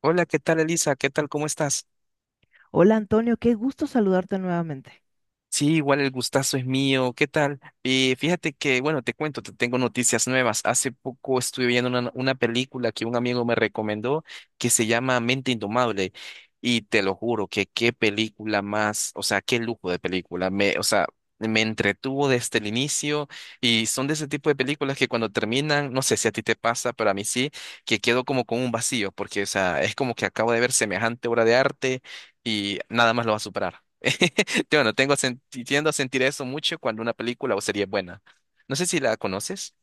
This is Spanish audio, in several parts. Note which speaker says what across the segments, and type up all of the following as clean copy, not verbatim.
Speaker 1: Hola, ¿qué tal, Elisa? ¿Qué tal? ¿Cómo estás?
Speaker 2: Hola Antonio, qué gusto saludarte nuevamente.
Speaker 1: Sí, igual el gustazo es mío. ¿Qué tal? Fíjate que, bueno, te cuento, te tengo noticias nuevas. Hace poco estuve viendo una película que un amigo me recomendó que se llama Mente Indomable. Y te lo juro que qué película más, o sea, qué lujo de película. Me, o sea, me entretuvo desde el inicio y son de ese tipo de películas que cuando terminan, no sé si a ti te pasa, pero a mí sí, que quedo como con un vacío, porque, o sea, es como que acabo de ver semejante obra de arte y nada más lo va a superar. Bueno, tengo tiendo a sentir eso mucho cuando una película o serie es buena. No sé si la conoces.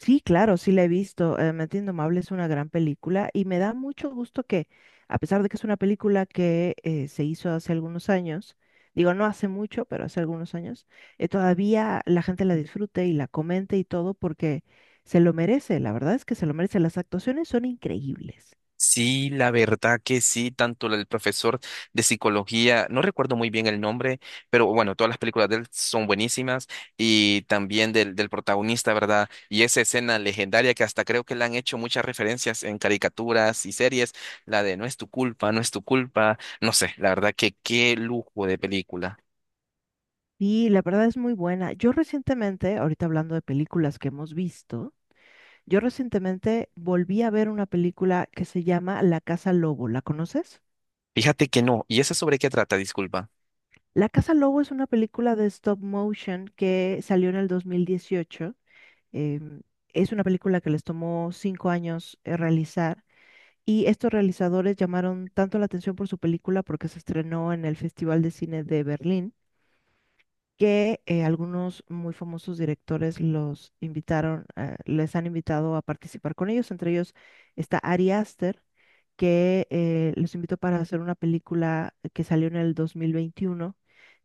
Speaker 2: Sí, claro, sí la he visto. Mente Indomable es una gran película y me da mucho gusto que, a pesar de que es una película que se hizo hace algunos años, digo no hace mucho, pero hace algunos años, todavía la gente la disfrute y la comente y todo porque se lo merece. La verdad es que se lo merece. Las actuaciones son increíbles.
Speaker 1: Sí, la verdad que sí, tanto el profesor de psicología, no recuerdo muy bien el nombre, pero bueno, todas las películas de él son buenísimas y también del protagonista, ¿verdad? Y esa escena legendaria que hasta creo que le han hecho muchas referencias en caricaturas y series, la de no es tu culpa, no es tu culpa, no sé, la verdad que qué lujo de película.
Speaker 2: Y la verdad es muy buena. Yo recientemente, ahorita hablando de películas que hemos visto, Yo recientemente volví a ver una película que se llama La Casa Lobo. ¿La conoces?
Speaker 1: Fíjate que no, ¿y esa sobre qué trata? Disculpa.
Speaker 2: La Casa Lobo es una película de stop motion que salió en el 2018. Em, es una película que les tomó 5 años realizar, y estos realizadores llamaron tanto la atención por su película porque se estrenó en el Festival de Cine de Berlín que algunos muy famosos directores los invitaron, les han invitado a participar con ellos. Entre ellos está Ari Aster, que los invitó para hacer una película que salió en el 2021,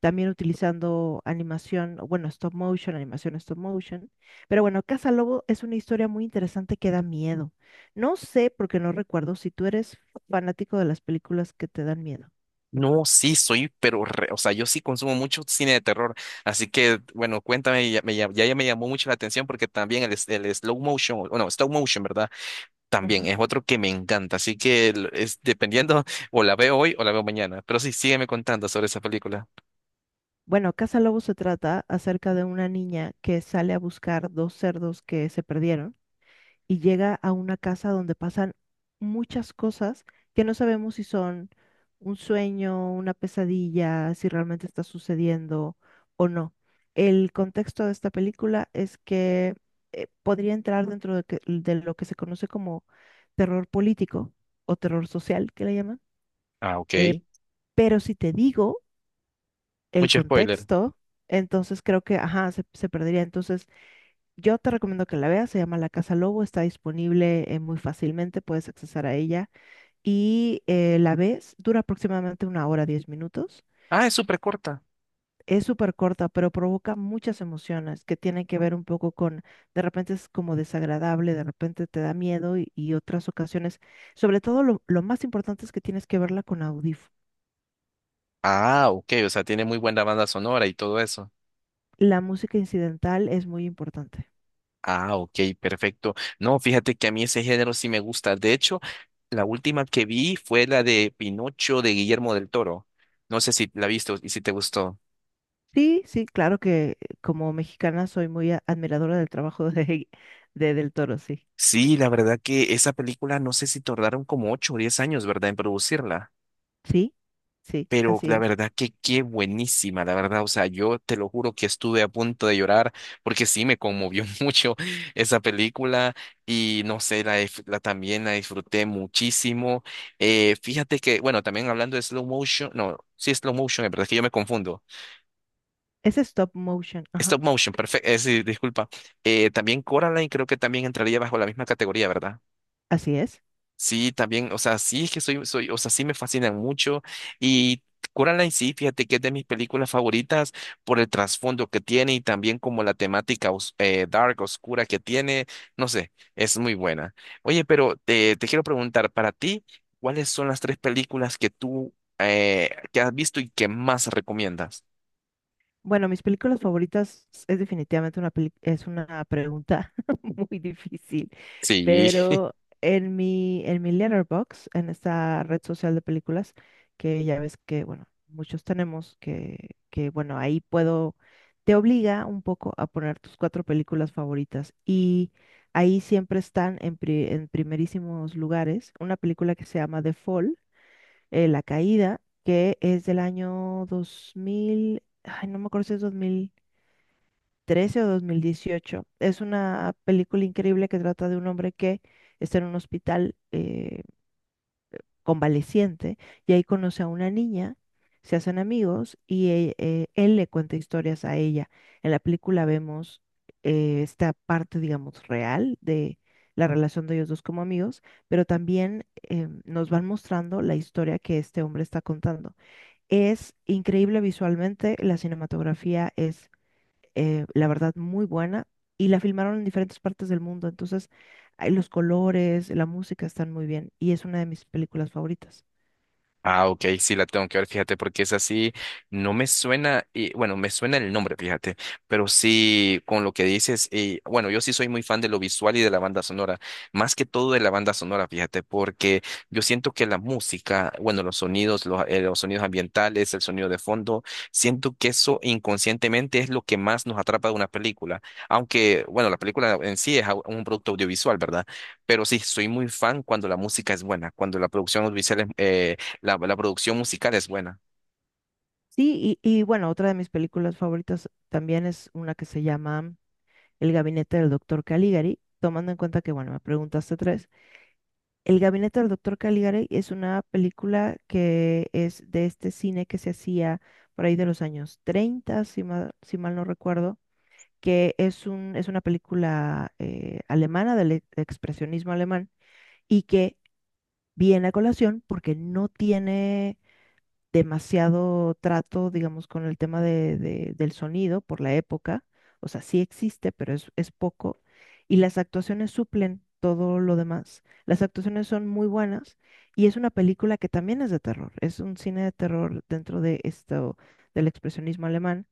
Speaker 2: también utilizando animación, o bueno, stop motion, animación stop motion. Pero bueno, Casa Lobo es una historia muy interesante que da miedo. No sé, porque no recuerdo si tú eres fanático de las películas que te dan miedo.
Speaker 1: No, sí, soy, pero, o sea, yo sí consumo mucho cine de terror, así que, bueno, cuéntame, ya me llamó mucho la atención porque también el slow motion, o no, stop motion, ¿verdad? También
Speaker 2: Ujú.
Speaker 1: es otro que me encanta, así que es dependiendo, o la veo hoy o la veo mañana, pero sí, sígueme contando sobre esa película.
Speaker 2: Bueno, Casa Lobo se trata acerca de una niña que sale a buscar dos cerdos que se perdieron y llega a una casa donde pasan muchas cosas que no sabemos si son un sueño, una pesadilla, si realmente está sucediendo o no. El contexto de esta película es que podría entrar dentro de, de lo que se conoce como terror político o terror social, que le llaman.
Speaker 1: Ah, ok.
Speaker 2: Eh, pero si te digo el
Speaker 1: Mucho spoiler.
Speaker 2: contexto, entonces creo que, ajá, se perdería. Entonces, yo te recomiendo que la veas, se llama La Casa Lobo, está disponible muy fácilmente, puedes accesar a ella y la ves, dura aproximadamente una hora, 10 minutos.
Speaker 1: Ah, es súper corta.
Speaker 2: Es súper corta, pero provoca muchas emociones que tienen que ver un poco con, de repente es como desagradable, de repente te da miedo y otras ocasiones. Sobre todo lo más importante es que tienes que verla con audífono.
Speaker 1: Ah, ok, o sea, tiene muy buena banda sonora y todo eso.
Speaker 2: La música incidental es muy importante.
Speaker 1: Ah, ok, perfecto. No, fíjate que a mí ese género sí me gusta. De hecho, la última que vi fue la de Pinocho de Guillermo del Toro. No sé si la viste y si te gustó.
Speaker 2: Sí, sí, claro que como mexicana soy muy admiradora del trabajo de, de Del Toro, sí.
Speaker 1: Sí, la verdad que esa película no sé si tardaron como ocho o diez años, ¿verdad?, en producirla.
Speaker 2: Sí, sí,
Speaker 1: Pero
Speaker 2: así
Speaker 1: la
Speaker 2: es.
Speaker 1: verdad que qué buenísima, la verdad, o sea, yo te lo juro que estuve a punto de llorar porque sí me conmovió mucho esa película y no sé, la también la disfruté muchísimo. Fíjate que, bueno, también hablando de slow motion, no, sí, slow motion, es verdad es que yo me confundo.
Speaker 2: Es stop motion, ajá,
Speaker 1: Stop motion, perfecto, disculpa. También Coraline creo que también entraría bajo la misma categoría, ¿verdad?
Speaker 2: así es.
Speaker 1: Sí, también, o sea, sí es que o sea, sí me fascinan mucho y Coraline sí, fíjate que es de mis películas favoritas por el trasfondo que tiene y también como la temática dark, oscura que tiene, no sé, es muy buena. Oye, pero te quiero preguntar, para ti, ¿cuáles son las tres películas que tú que has visto y que más recomiendas?
Speaker 2: Bueno, mis películas favoritas es definitivamente es una pregunta muy difícil,
Speaker 1: Sí,
Speaker 2: pero en mi Letterboxd, en esta red social de películas que ya ves que bueno, muchos tenemos que bueno, ahí puedo te obliga un poco a poner tus cuatro películas favoritas y ahí siempre están en primerísimos lugares una película que se llama The Fall, La Caída, que es del año 2000, ay, no me acuerdo si es 2013 o 2018. Es una película increíble que trata de un hombre que está en un hospital, convaleciente, y ahí conoce a una niña, se hacen amigos y él le cuenta historias a ella. En la película vemos esta parte, digamos, real de la relación de ellos dos como amigos, pero también nos van mostrando la historia que este hombre está contando. Es increíble visualmente, la cinematografía es, la verdad, muy buena, y la filmaron en diferentes partes del mundo. Entonces, ay, los colores, la música están muy bien, y es una de mis películas favoritas.
Speaker 1: ah, ok, sí la tengo que ver, fíjate, porque es así, no me suena, y bueno, me suena el nombre, fíjate, pero sí, con lo que dices, y bueno, yo sí soy muy fan de lo visual y de la banda sonora, más que todo de la banda sonora, fíjate, porque yo siento que la música, bueno, los sonidos, los sonidos ambientales, el sonido de fondo, siento que eso inconscientemente es lo que más nos atrapa de una película, aunque, bueno, la película en sí es un producto audiovisual, ¿verdad? Pero sí, soy muy fan cuando la música es buena, cuando la producción audiovisual es, la producción musical es buena.
Speaker 2: Sí, y bueno, otra de mis películas favoritas también es una que se llama El gabinete del doctor Caligari, tomando en cuenta que, bueno, me preguntaste tres. El gabinete del doctor Caligari es una película que es de este cine que se hacía por ahí de los años 30, si mal no recuerdo, que es es una película alemana del expresionismo alemán, y que viene a colación porque no tiene demasiado trato, digamos, con el tema del sonido por la época. O sea, sí existe, pero es poco. Y las actuaciones suplen todo lo demás. Las actuaciones son muy buenas y es una película que también es de terror. Es un cine de terror dentro de esto del expresionismo alemán.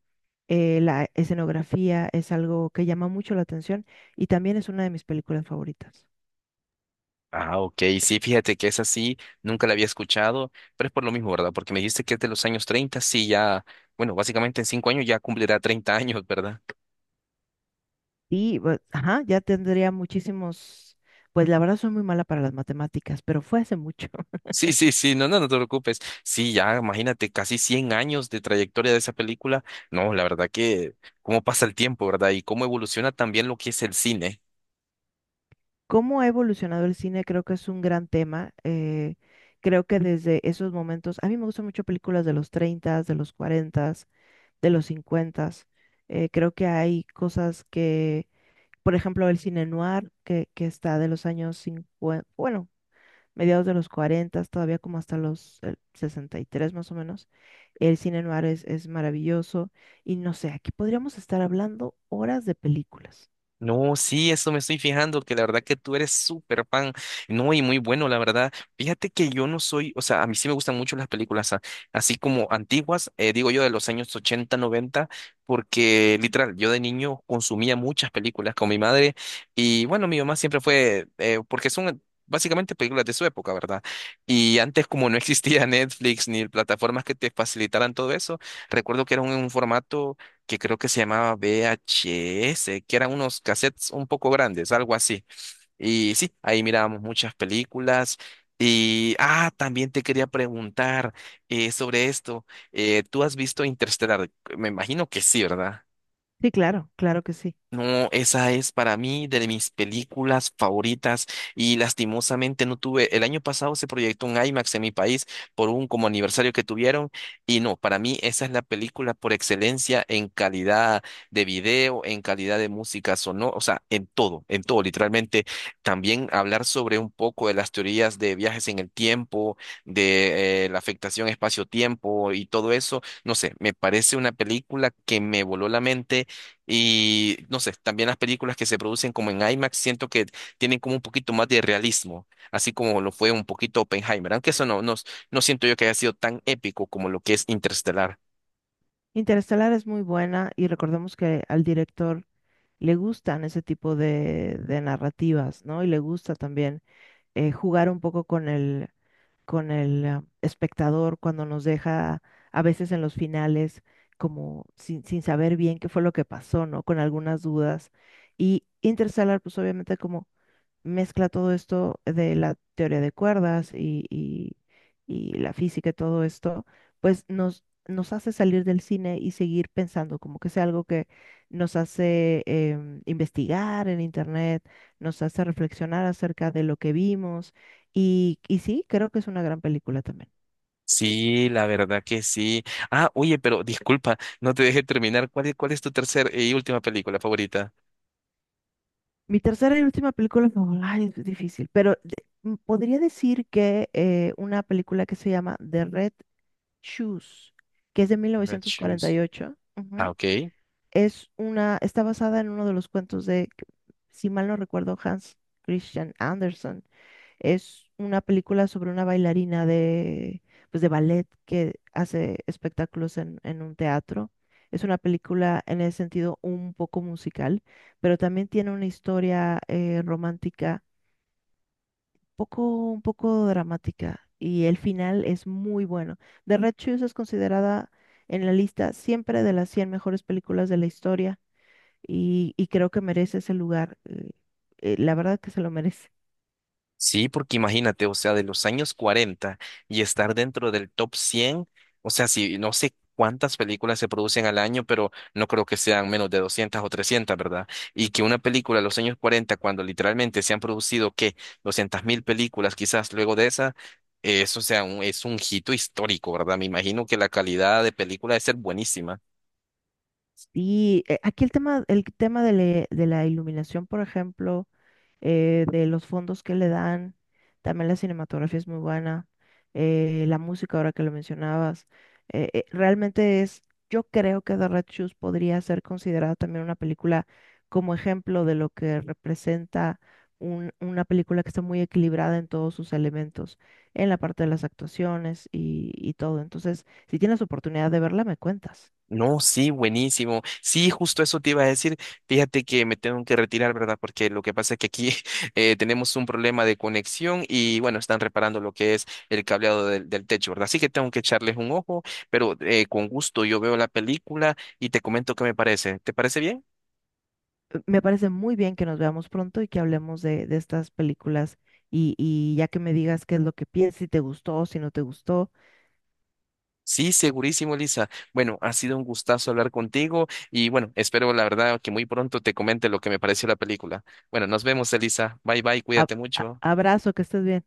Speaker 2: La escenografía es algo que llama mucho la atención, y también es una de mis películas favoritas.
Speaker 1: Ah, ok, sí, fíjate que es así, nunca la había escuchado, pero es por lo mismo, ¿verdad? Porque me dijiste que es de los años 30 sí, ya, bueno, básicamente en cinco años ya cumplirá 30 años, ¿verdad?
Speaker 2: Y, pues, ajá, ya tendría muchísimos, pues la verdad soy muy mala para las matemáticas, pero fue hace mucho.
Speaker 1: Sí, sí, sí, no, no, no te preocupes. Sí, ya, imagínate, casi 100 años de trayectoria de esa película. No, la verdad que cómo pasa el tiempo, ¿verdad? Y cómo evoluciona también lo que es el cine.
Speaker 2: ¿Cómo ha evolucionado el cine? Creo que es un gran tema. Creo que desde esos momentos, a mí me gustan mucho películas de los 30, de los 40, de los 50. Creo que hay cosas que, por ejemplo, el cine noir, que está de los años 50, bueno, mediados de los 40, todavía como hasta los 63 más o menos. El cine noir es maravilloso y no sé, aquí podríamos estar hablando horas de películas.
Speaker 1: No, sí, eso me estoy fijando, que la verdad que tú eres súper fan, no, y muy bueno, la verdad. Fíjate que yo no soy, o sea, a mí sí me gustan mucho las películas, así como antiguas, digo yo de los años 80, 90, porque literal, yo de niño consumía muchas películas con mi madre, y bueno, mi mamá siempre fue, porque son básicamente películas de su época, ¿verdad? Y antes como no existía Netflix ni plataformas que te facilitaran todo eso, recuerdo que era un formato que creo que se llamaba VHS, que eran unos cassettes un poco grandes, algo así. Y sí, ahí mirábamos muchas películas. Y, ah, también te quería preguntar sobre esto. ¿Tú has visto Interstellar? Me imagino que sí, ¿verdad?
Speaker 2: Sí, claro, claro que sí.
Speaker 1: No, esa es para mí de mis películas favoritas y lastimosamente no tuve, el año pasado se proyectó un IMAX en mi país por un como aniversario que tuvieron y no, para mí esa es la película por excelencia en calidad de video, en calidad de música sonora, o sea, en todo, literalmente. También hablar sobre un poco de las teorías de viajes en el tiempo, de la afectación espacio-tiempo y todo eso, no sé, me parece una película que me voló la mente y no sé, también las películas que se producen como en IMAX siento que tienen como un poquito más de realismo, así como lo fue un poquito Oppenheimer, aunque eso no siento yo que haya sido tan épico como lo que es Interestelar.
Speaker 2: Interestelar es muy buena y recordemos que al director le gustan ese tipo de narrativas, ¿no? Y le gusta también jugar un poco con el, con el espectador, cuando nos deja a veces en los finales como sin saber bien qué fue lo que pasó, ¿no? Con algunas dudas. Y Interstellar, pues obviamente como mezcla todo esto de la teoría de cuerdas y la física y todo esto, pues nos hace salir del cine y seguir pensando, como que sea algo que nos hace investigar en internet, nos hace reflexionar acerca de lo que vimos, y sí, creo que es una gran película también.
Speaker 1: Sí, la verdad que sí. Ah, oye, pero disculpa, no te dejé terminar. Cuál es tu tercera y última película favorita?
Speaker 2: Mi tercera y última película, no, ay, es difícil, pero podría decir que una película que se llama The Red Shoes, que es de
Speaker 1: Red Shoes.
Speaker 2: 1948.
Speaker 1: Ah,
Speaker 2: Ujú.
Speaker 1: ok.
Speaker 2: Está basada en uno de los cuentos de, si mal no recuerdo, Hans Christian Andersen. Es una película sobre una bailarina de, pues de ballet, que hace espectáculos en un teatro. Es una película en el sentido un poco musical, pero también tiene una historia romántica, poco, un poco dramática, y el final es muy bueno. The Red Shoes es considerada en la lista siempre de las 100 mejores películas de la historia, y creo que merece ese lugar. La verdad que se lo merece.
Speaker 1: Sí, porque imagínate, o sea, de los años 40 y estar dentro del top 100, o sea, si no sé cuántas películas se producen al año, pero no creo que sean menos de 200 o 300, ¿verdad? Y que una película de los años 40, cuando literalmente se han producido, ¿qué? 200 mil películas quizás luego de esa, eso sea un, es un hito histórico, ¿verdad? Me imagino que la calidad de película debe ser buenísima.
Speaker 2: Y aquí el tema, de la iluminación, por ejemplo, de los fondos que le dan. También la cinematografía es muy buena. La música, ahora que lo mencionabas, realmente es, yo creo que The Red Shoes podría ser considerada también una película como ejemplo de lo que representa una película que está muy equilibrada en todos sus elementos, en la parte de las actuaciones y todo. Entonces, si tienes oportunidad de verla, me cuentas.
Speaker 1: No, sí, buenísimo. Sí, justo eso te iba a decir. Fíjate que me tengo que retirar, ¿verdad? Porque lo que pasa es que aquí tenemos un problema de conexión y bueno, están reparando lo que es el cableado del techo, ¿verdad? Así que tengo que echarles un ojo, pero con gusto yo veo la película y te comento qué me parece. ¿Te parece bien?
Speaker 2: Me parece muy bien que nos veamos pronto y que hablemos de estas películas, y ya que me digas qué es lo que piensas, si te gustó, si no te gustó.
Speaker 1: Sí, segurísimo, Lisa. Bueno, ha sido un gustazo hablar contigo y bueno, espero la verdad que muy pronto te comente lo que me pareció la película. Bueno, nos vemos, Elisa. Bye, bye, cuídate mucho.
Speaker 2: Abrazo, que estés bien.